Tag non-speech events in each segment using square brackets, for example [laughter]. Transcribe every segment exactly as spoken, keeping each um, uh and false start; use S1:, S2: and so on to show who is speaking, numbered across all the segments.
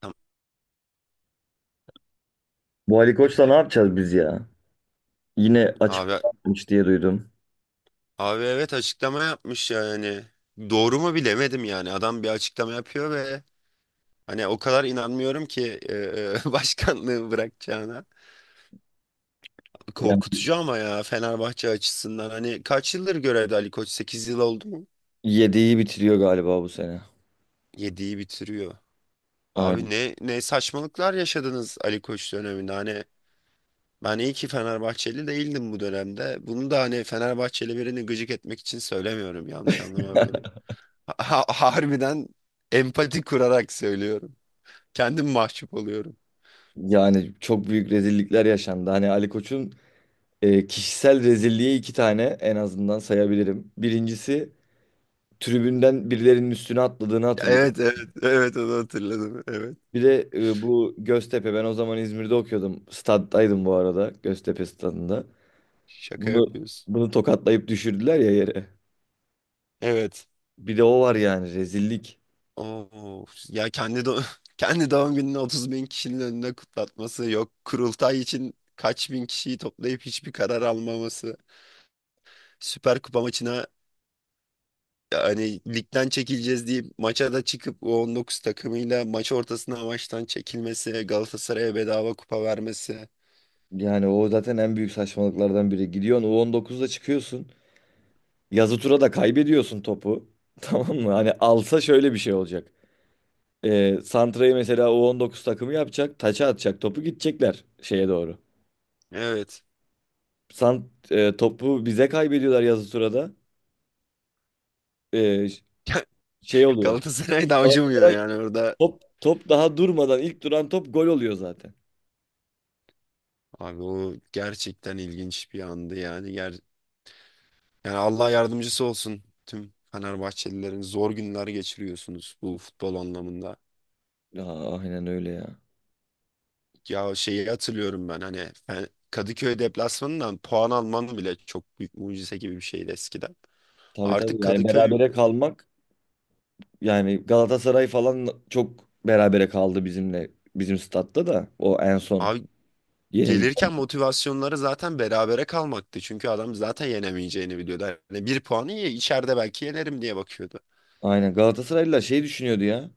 S1: Tamam.
S2: Bu Ali Koç'la ne yapacağız biz ya? Yine
S1: Abi,
S2: açıklama yapmış diye duydum.
S1: abi evet açıklama yapmış yani. Doğru mu bilemedim yani. Adam bir açıklama yapıyor ve hani o kadar inanmıyorum ki e, [laughs] başkanlığı bırakacağına.
S2: Yani
S1: Korkutucu ama ya Fenerbahçe açısından. Hani kaç yıldır görevde Ali Koç? Sekiz yıl oldu mu?
S2: yediği bitiriyor galiba bu sene.
S1: yediyi bitiriyor.
S2: Aynen.
S1: Abi ne ne saçmalıklar yaşadınız Ali Koç döneminde. Hani ben iyi ki Fenerbahçeli değildim bu dönemde. Bunu da hani Fenerbahçeli birini gıcık etmek için söylemiyorum. Yanlış anlama beni. Ha- harbiden empati kurarak söylüyorum. Kendim mahcup oluyorum.
S2: Yani çok büyük rezillikler yaşandı. Hani Ali Koç'un e, kişisel rezilliği iki tane en azından sayabilirim. Birincisi tribünden birilerinin üstüne atladığını hatırlıyorum.
S1: Evet, evet, evet, onu hatırladım. Evet.
S2: Bir de e, bu Göztepe, ben o zaman İzmir'de okuyordum. Staddaydım bu arada, Göztepe stadında.
S1: Şaka
S2: Bunu,
S1: yapıyorsun.
S2: bunu tokatlayıp düşürdüler ya yere.
S1: Evet.
S2: Bir de o var, yani rezillik.
S1: Oo, ya kendi do [laughs] kendi doğum gününü otuz bin kişinin önünde kutlatması yok. Kurultay için kaç bin kişiyi toplayıp hiçbir karar almaması. Süper Kupa maçına hani ligden çekileceğiz diye maça da çıkıp o on dokuz takımıyla maç ortasında maçtan çekilmesi, Galatasaray'a bedava kupa vermesi.
S2: Yani o zaten en büyük saçmalıklardan biri. Gidiyorsun U on dokuzda çıkıyorsun. Yazı tura da kaybediyorsun topu. [laughs] Tamam mı? Hani alsa şöyle bir şey olacak. Ee, Santra'yı mesela U on dokuz takımı yapacak. Taça atacak. Topu gidecekler şeye doğru.
S1: Evet.
S2: Sant, e, topu bize kaybediyorlar yazı turada. Ee, ş-
S1: [laughs]
S2: Şey oluyor.
S1: Galatasaray da acımıyor
S2: Galatasaray
S1: yani orada.
S2: top, top daha durmadan ilk duran top gol oluyor zaten.
S1: Abi o gerçekten ilginç bir andı yani. Ger yani Allah yardımcısı olsun tüm Fenerbahçelilerin, zor günler geçiriyorsunuz bu futbol anlamında.
S2: Ya, aynen öyle ya.
S1: Ya şeyi hatırlıyorum ben hani Fe- Kadıköy deplasmanından puan alman bile çok büyük mucize gibi bir şeydi eskiden.
S2: Tabii
S1: Artık
S2: tabii, yani
S1: Kadıköy
S2: berabere kalmak. Yani Galatasaray falan çok berabere kaldı bizimle. Bizim statta da o en son
S1: abi,
S2: yenilik.
S1: gelirken motivasyonları zaten berabere kalmaktı. Çünkü adam zaten yenemeyeceğini biliyordu. Hani bir puanı ye, içeride belki yenerim diye bakıyordu.
S2: Aynen, Galatasaraylılar şey düşünüyordu ya.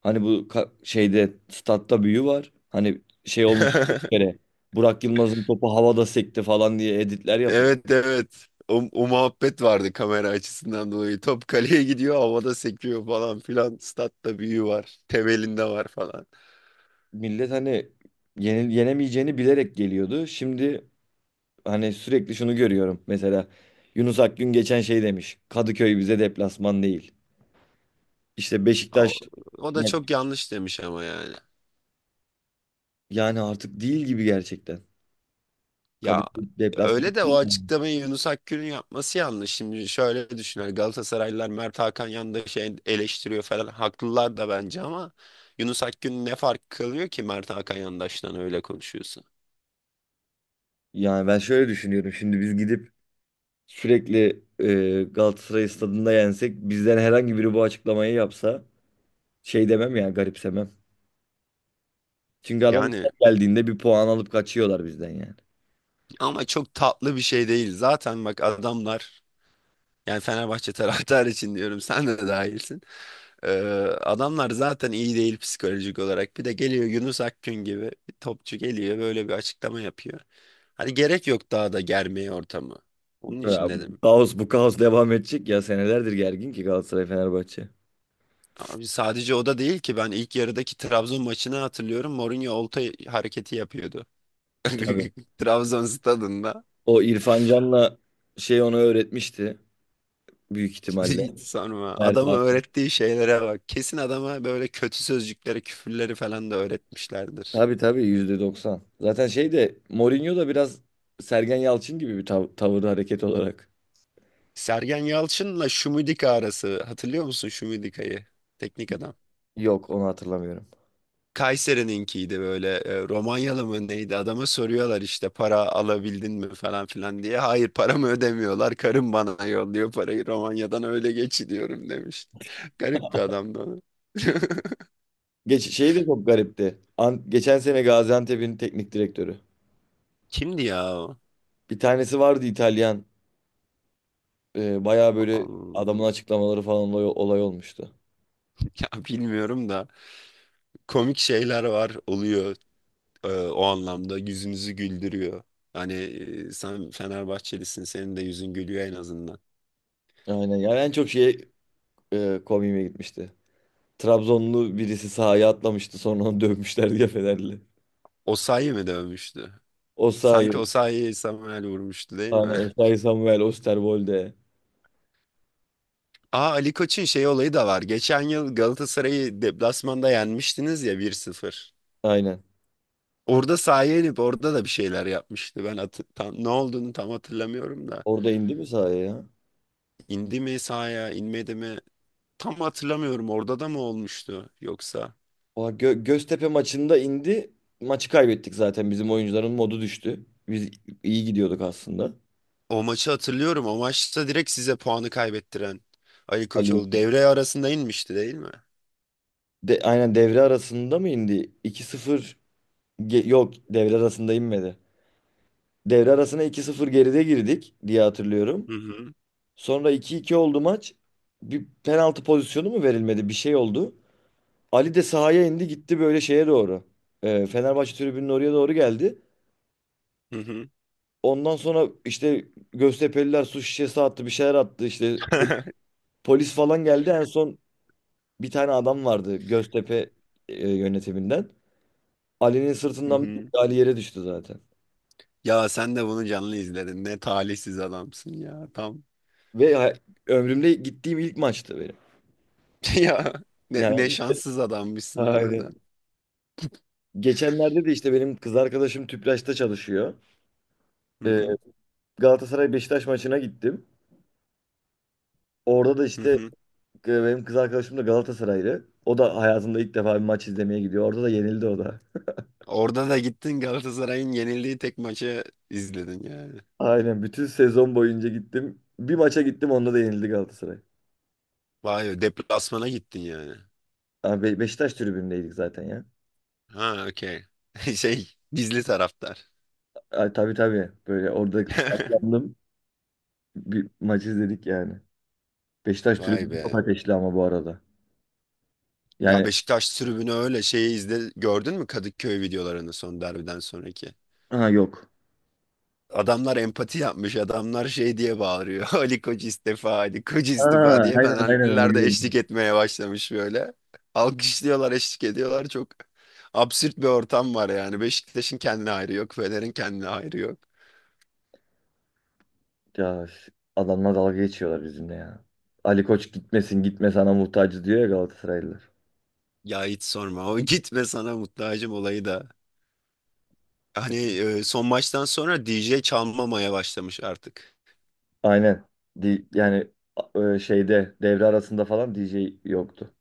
S2: Hani bu ka- şeyde statta büyü var. Hani şey olmuştu bir
S1: [laughs]
S2: kere. Burak Yılmaz'ın topu havada sekti falan diye editler yapıldı.
S1: Evet, evet. O, o muhabbet vardı kamera açısından dolayı. Top kaleye gidiyor, havada sekiyor falan filan. Statta büyü var, temelinde var falan.
S2: Millet hani yenil yenemeyeceğini bilerek geliyordu. Şimdi hani sürekli şunu görüyorum. Mesela Yunus Akgün geçen şey demiş: Kadıköy bize deplasman değil. İşte
S1: Ama- O,
S2: Beşiktaş.
S1: o da çok yanlış demiş ama yani.
S2: Yani artık değil gibi gerçekten.
S1: Ya
S2: Kadıköy deplasman
S1: öyle de o
S2: değil mi?
S1: açıklamayı Yunus Akgül'ün yapması yanlış. Şimdi şöyle düşünür Galatasaraylılar: Mert Hakan yanında şey eleştiriyor falan. Haklılar da bence ama Yunus Akgül ne fark kalıyor ki Mert Hakan yandaştan öyle konuşuyorsa.
S2: Yani ben şöyle düşünüyorum. Şimdi biz gidip sürekli e, Galatasaray stadında yensek, bizden herhangi biri bu açıklamayı yapsa şey demem ya, garipsemem. Çünkü adamlar
S1: Yani
S2: geldiğinde bir puan alıp kaçıyorlar bizden yani.
S1: ama çok tatlı bir şey değil. Zaten bak adamlar, yani Fenerbahçe [laughs] taraftarı için diyorum, sen de dahilsin. Ee, Adamlar zaten iyi değil psikolojik olarak. Bir de geliyor Yunus Akgün gibi bir topçu, geliyor böyle bir açıklama yapıyor. Hani gerek yok daha da germeye ortamı. Onun
S2: Ya,
S1: için
S2: bu
S1: dedim.
S2: kaos bu kaos devam edecek ya, senelerdir gergin ki Galatasaray Fenerbahçe.
S1: Abi sadece o da değil ki, ben ilk yarıdaki Trabzon maçını hatırlıyorum. Mourinho olta hareketi yapıyordu. [laughs]
S2: Tabii.
S1: Trabzon stadında.
S2: O İrfan Can'la şey onu öğretmişti büyük ihtimalle.
S1: [laughs] Sorma.
S2: Mert
S1: Adama
S2: abi.
S1: öğrettiği şeylere bak. Kesin adama böyle kötü sözcükleri, küfürleri falan da öğretmişlerdir.
S2: Tabii tabii yüzde doksan. Zaten şey de, Mourinho da biraz Sergen Yalçın gibi bir tav tavır hareket olarak.
S1: Sergen Yalçın'la Şumidika arası. Hatırlıyor musun Şumidika'yı? Teknik adam.
S2: Yok, onu hatırlamıyorum.
S1: Kayseri'ninkiydi böyle e, Romanyalı mı neydi, adama soruyorlar işte para alabildin mi falan filan diye. Hayır, paramı ödemiyorlar, karım bana yolluyor parayı Romanya'dan öyle geçiriyorum demiş. [laughs] Garip bir adamdı o. [laughs]
S2: Geç şey de çok garipti. An- geçen sene Gaziantep'in teknik direktörü.
S1: Kimdi ya, o?
S2: Bir tanesi vardı, İtalyan. Ee, bayağı böyle
S1: Al-
S2: adamın açıklamaları falan olay, olay olmuştu.
S1: Ya bilmiyorum da komik şeyler var, oluyor e, o anlamda yüzünüzü güldürüyor. Hani e, sen Fenerbahçelisin, senin de yüzün gülüyor en azından.
S2: Aynen, yani en çok şeye e, komiğime gitmişti. Trabzonlu birisi sahaya atlamıştı, sonra onu dövmüşler [laughs] diye, Fenerli.
S1: Osayi mi dövmüştü? Sanki
S2: Osayi,
S1: Osayi'yi Samuel vurmuştu değil
S2: aynen,
S1: mi? [laughs]
S2: Osayi Samuel Osterwolde.
S1: Aa, Ali Koç'un şey olayı da var. Geçen yıl Galatasaray'ı deplasmanda yenmiştiniz ya bir sıfır.
S2: Aynen.
S1: Orada sahaya inip orada da bir şeyler yapmıştı. Ben hatı- tam, ne olduğunu tam hatırlamıyorum da.
S2: Orada indi mi sahaya ya?
S1: İndi mi sahaya, inmedi mi? Tam hatırlamıyorum. Orada da mı olmuştu yoksa?
S2: Oha, Gö- Göztepe maçında indi. Maçı kaybettik zaten. Bizim oyuncuların modu düştü. Biz iyi gidiyorduk aslında.
S1: O maçı hatırlıyorum. O maçta direkt size puanı kaybettiren Ali
S2: Ali.
S1: Koçoğlu devre arasında inmişti değil mi?
S2: De, aynen, devre arasında mı indi? İki sıfır ge- yok, devre arasında inmedi. Devre arasına iki sıfır geride girdik diye hatırlıyorum.
S1: Hı hı.
S2: Sonra iki iki oldu maç. Bir penaltı pozisyonu mu verilmedi? Bir şey oldu. Ali de sahaya indi, gitti böyle şeye doğru. Ee, Fenerbahçe tribünün oraya doğru geldi.
S1: Hı hı.
S2: Ondan sonra işte Göztepe'liler su şişesi attı, bir şeyler attı işte,
S1: [laughs]
S2: polis falan geldi. En son bir tane adam vardı Göztepe e, yönetiminden. Ali'nin
S1: Hı
S2: sırtından bir gitti,
S1: hı.
S2: Ali yere düştü zaten.
S1: Ya sen de bunu canlı izledin. Ne talihsiz adamsın ya. Tam
S2: Ve ha- Ömrümde gittiğim ilk maçtı benim.
S1: [laughs] ya ne, ne
S2: Yani
S1: şanssız
S2: [laughs]
S1: adammışsın
S2: aynen.
S1: harbiden.
S2: Geçenlerde de işte benim kız arkadaşım Tüpraş'ta çalışıyor.
S1: Hı
S2: Ee,
S1: hı,
S2: Galatasaray Beşiktaş maçına gittim. Orada da
S1: hı
S2: işte
S1: hı.
S2: e, benim kız arkadaşım da Galatasaraylı. O da hayatında ilk defa bir maç izlemeye gidiyor. Orada da yenildi o da.
S1: Orada da gittin Galatasaray'ın yenildiği tek maçı izledin yani.
S2: Aynen, bütün sezon boyunca gittim. Bir maça gittim, onda da yenildi Galatasaray.
S1: Vay be, deplasmana gittin yani.
S2: Abi, Be- Beşiktaş tribündeydik zaten ya.
S1: Ha, okey. [laughs] Şey, gizli taraftar.
S2: Ay, tabii tabii. Böyle orada
S1: [laughs]
S2: saklandım. Bir maç izledik yani. Beşiktaş
S1: Vay
S2: tribünü çok
S1: be.
S2: ateşli ama bu arada.
S1: Ya
S2: Yani
S1: Beşiktaş tribünü, öyle şeyi izle, gördün mü Kadıköy videolarını son derbiden sonraki?
S2: ha, yok.
S1: Adamlar empati yapmış. Adamlar şey diye bağırıyor. [laughs] Ali Koç istifa, Ali Koç
S2: Ha,
S1: istifa diye,
S2: aynen aynen, onu
S1: fenerliler de eşlik
S2: gördüm.
S1: etmeye başlamış böyle. Alkışlıyorlar, eşlik ediyorlar. Çok absürt bir ortam var yani. Beşiktaş'ın kendine hayrı yok, Fener'in kendine hayrı yok.
S2: Ya, ş- adamlar dalga geçiyorlar bizimle ya. Ali Koç gitmesin, gitme sana muhtacız diyor ya Galatasaraylılar.
S1: Ya hiç sorma. O [laughs] gitme sana muhtacım olayı da. Hani e, son maçtan sonra D J çalmamaya başlamış artık.
S2: Aynen. Di- yani e, şeyde devre arasında falan D J yoktu.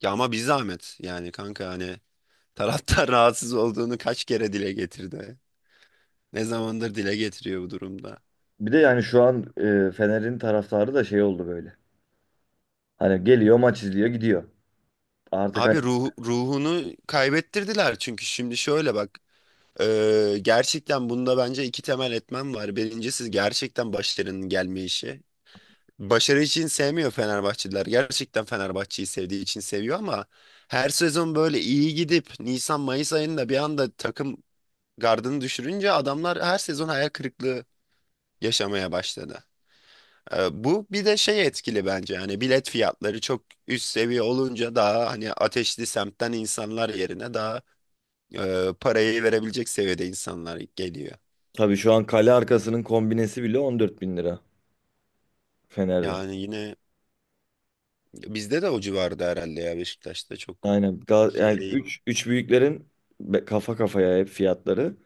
S1: Ya ama bir zahmet yani kanka, hani taraftar [laughs] rahatsız olduğunu kaç kere dile getirdi. Ne zamandır dile getiriyor bu durumda.
S2: Bir de yani şu an e, Fener'in taraftarı da şey oldu böyle. Hani geliyor, maç izliyor, gidiyor. Artık hani
S1: Abi ruh, ruhunu kaybettirdiler, çünkü şimdi şöyle bak, e, gerçekten bunda bence iki temel etmen var. Birincisi gerçekten başarının gelme işi. Başarı için sevmiyor Fenerbahçeliler. Gerçekten Fenerbahçe'yi sevdiği için seviyor ama her sezon böyle iyi gidip Nisan-Mayıs ayında bir anda takım gardını düşürünce adamlar her sezon hayal kırıklığı yaşamaya başladı. E, Bu bir de şey etkili bence, yani bilet fiyatları çok üst seviye olunca daha hani ateşli semtten insanlar yerine daha e, parayı verebilecek seviyede insanlar geliyor.
S2: tabii şu an kale arkasının kombinesi bile on dört bin lira Fener'de.
S1: Yani yine bizde de o civarda herhalde, ya Beşiktaş'ta çok
S2: Aynen. Ga-
S1: şey
S2: Yani
S1: değil.
S2: üç üç büyüklerin be- kafa kafaya hep fiyatları.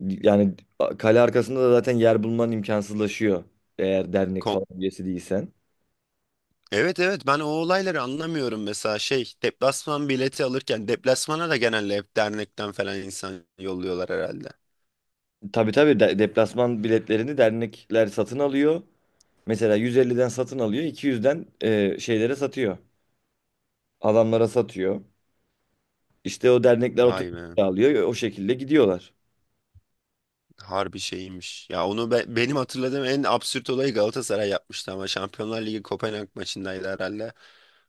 S2: Yani a- kale arkasında da zaten yer bulman imkansızlaşıyor. Eğer dernek
S1: Ko-
S2: falan üyesi değilsen.
S1: evet, evet, ben o olayları anlamıyorum mesela, şey, deplasman bileti alırken deplasmana da genelde hep dernekten falan insan yolluyorlar herhalde.
S2: Tabii tabii, de- deplasman biletlerini dernekler satın alıyor. Mesela yüz elliden satın alıyor, iki yüzden e, şeylere satıyor. Adamlara satıyor. İşte o dernekler
S1: Vay
S2: otobüs
S1: be,
S2: alıyor, o şekilde gidiyorlar.
S1: harbi şeymiş. Ya onu be- benim hatırladığım en absürt olayı Galatasaray yapmıştı ama Şampiyonlar Ligi Kopenhag maçındaydı herhalde.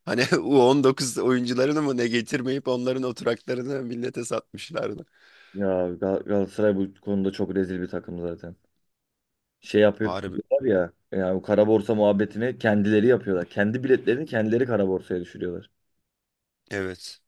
S1: Hani [laughs] u on dokuz oyuncularını mı ne getirmeyip onların oturaklarını millete satmışlardı.
S2: Ya, Gal- Galatasaray bu konuda çok rezil bir takım zaten. Şey yapıp
S1: Harbi.
S2: var ya, yani o kara borsa muhabbetini kendileri yapıyorlar. Kendi biletlerini kendileri kara borsaya düşürüyorlar.
S1: Evet.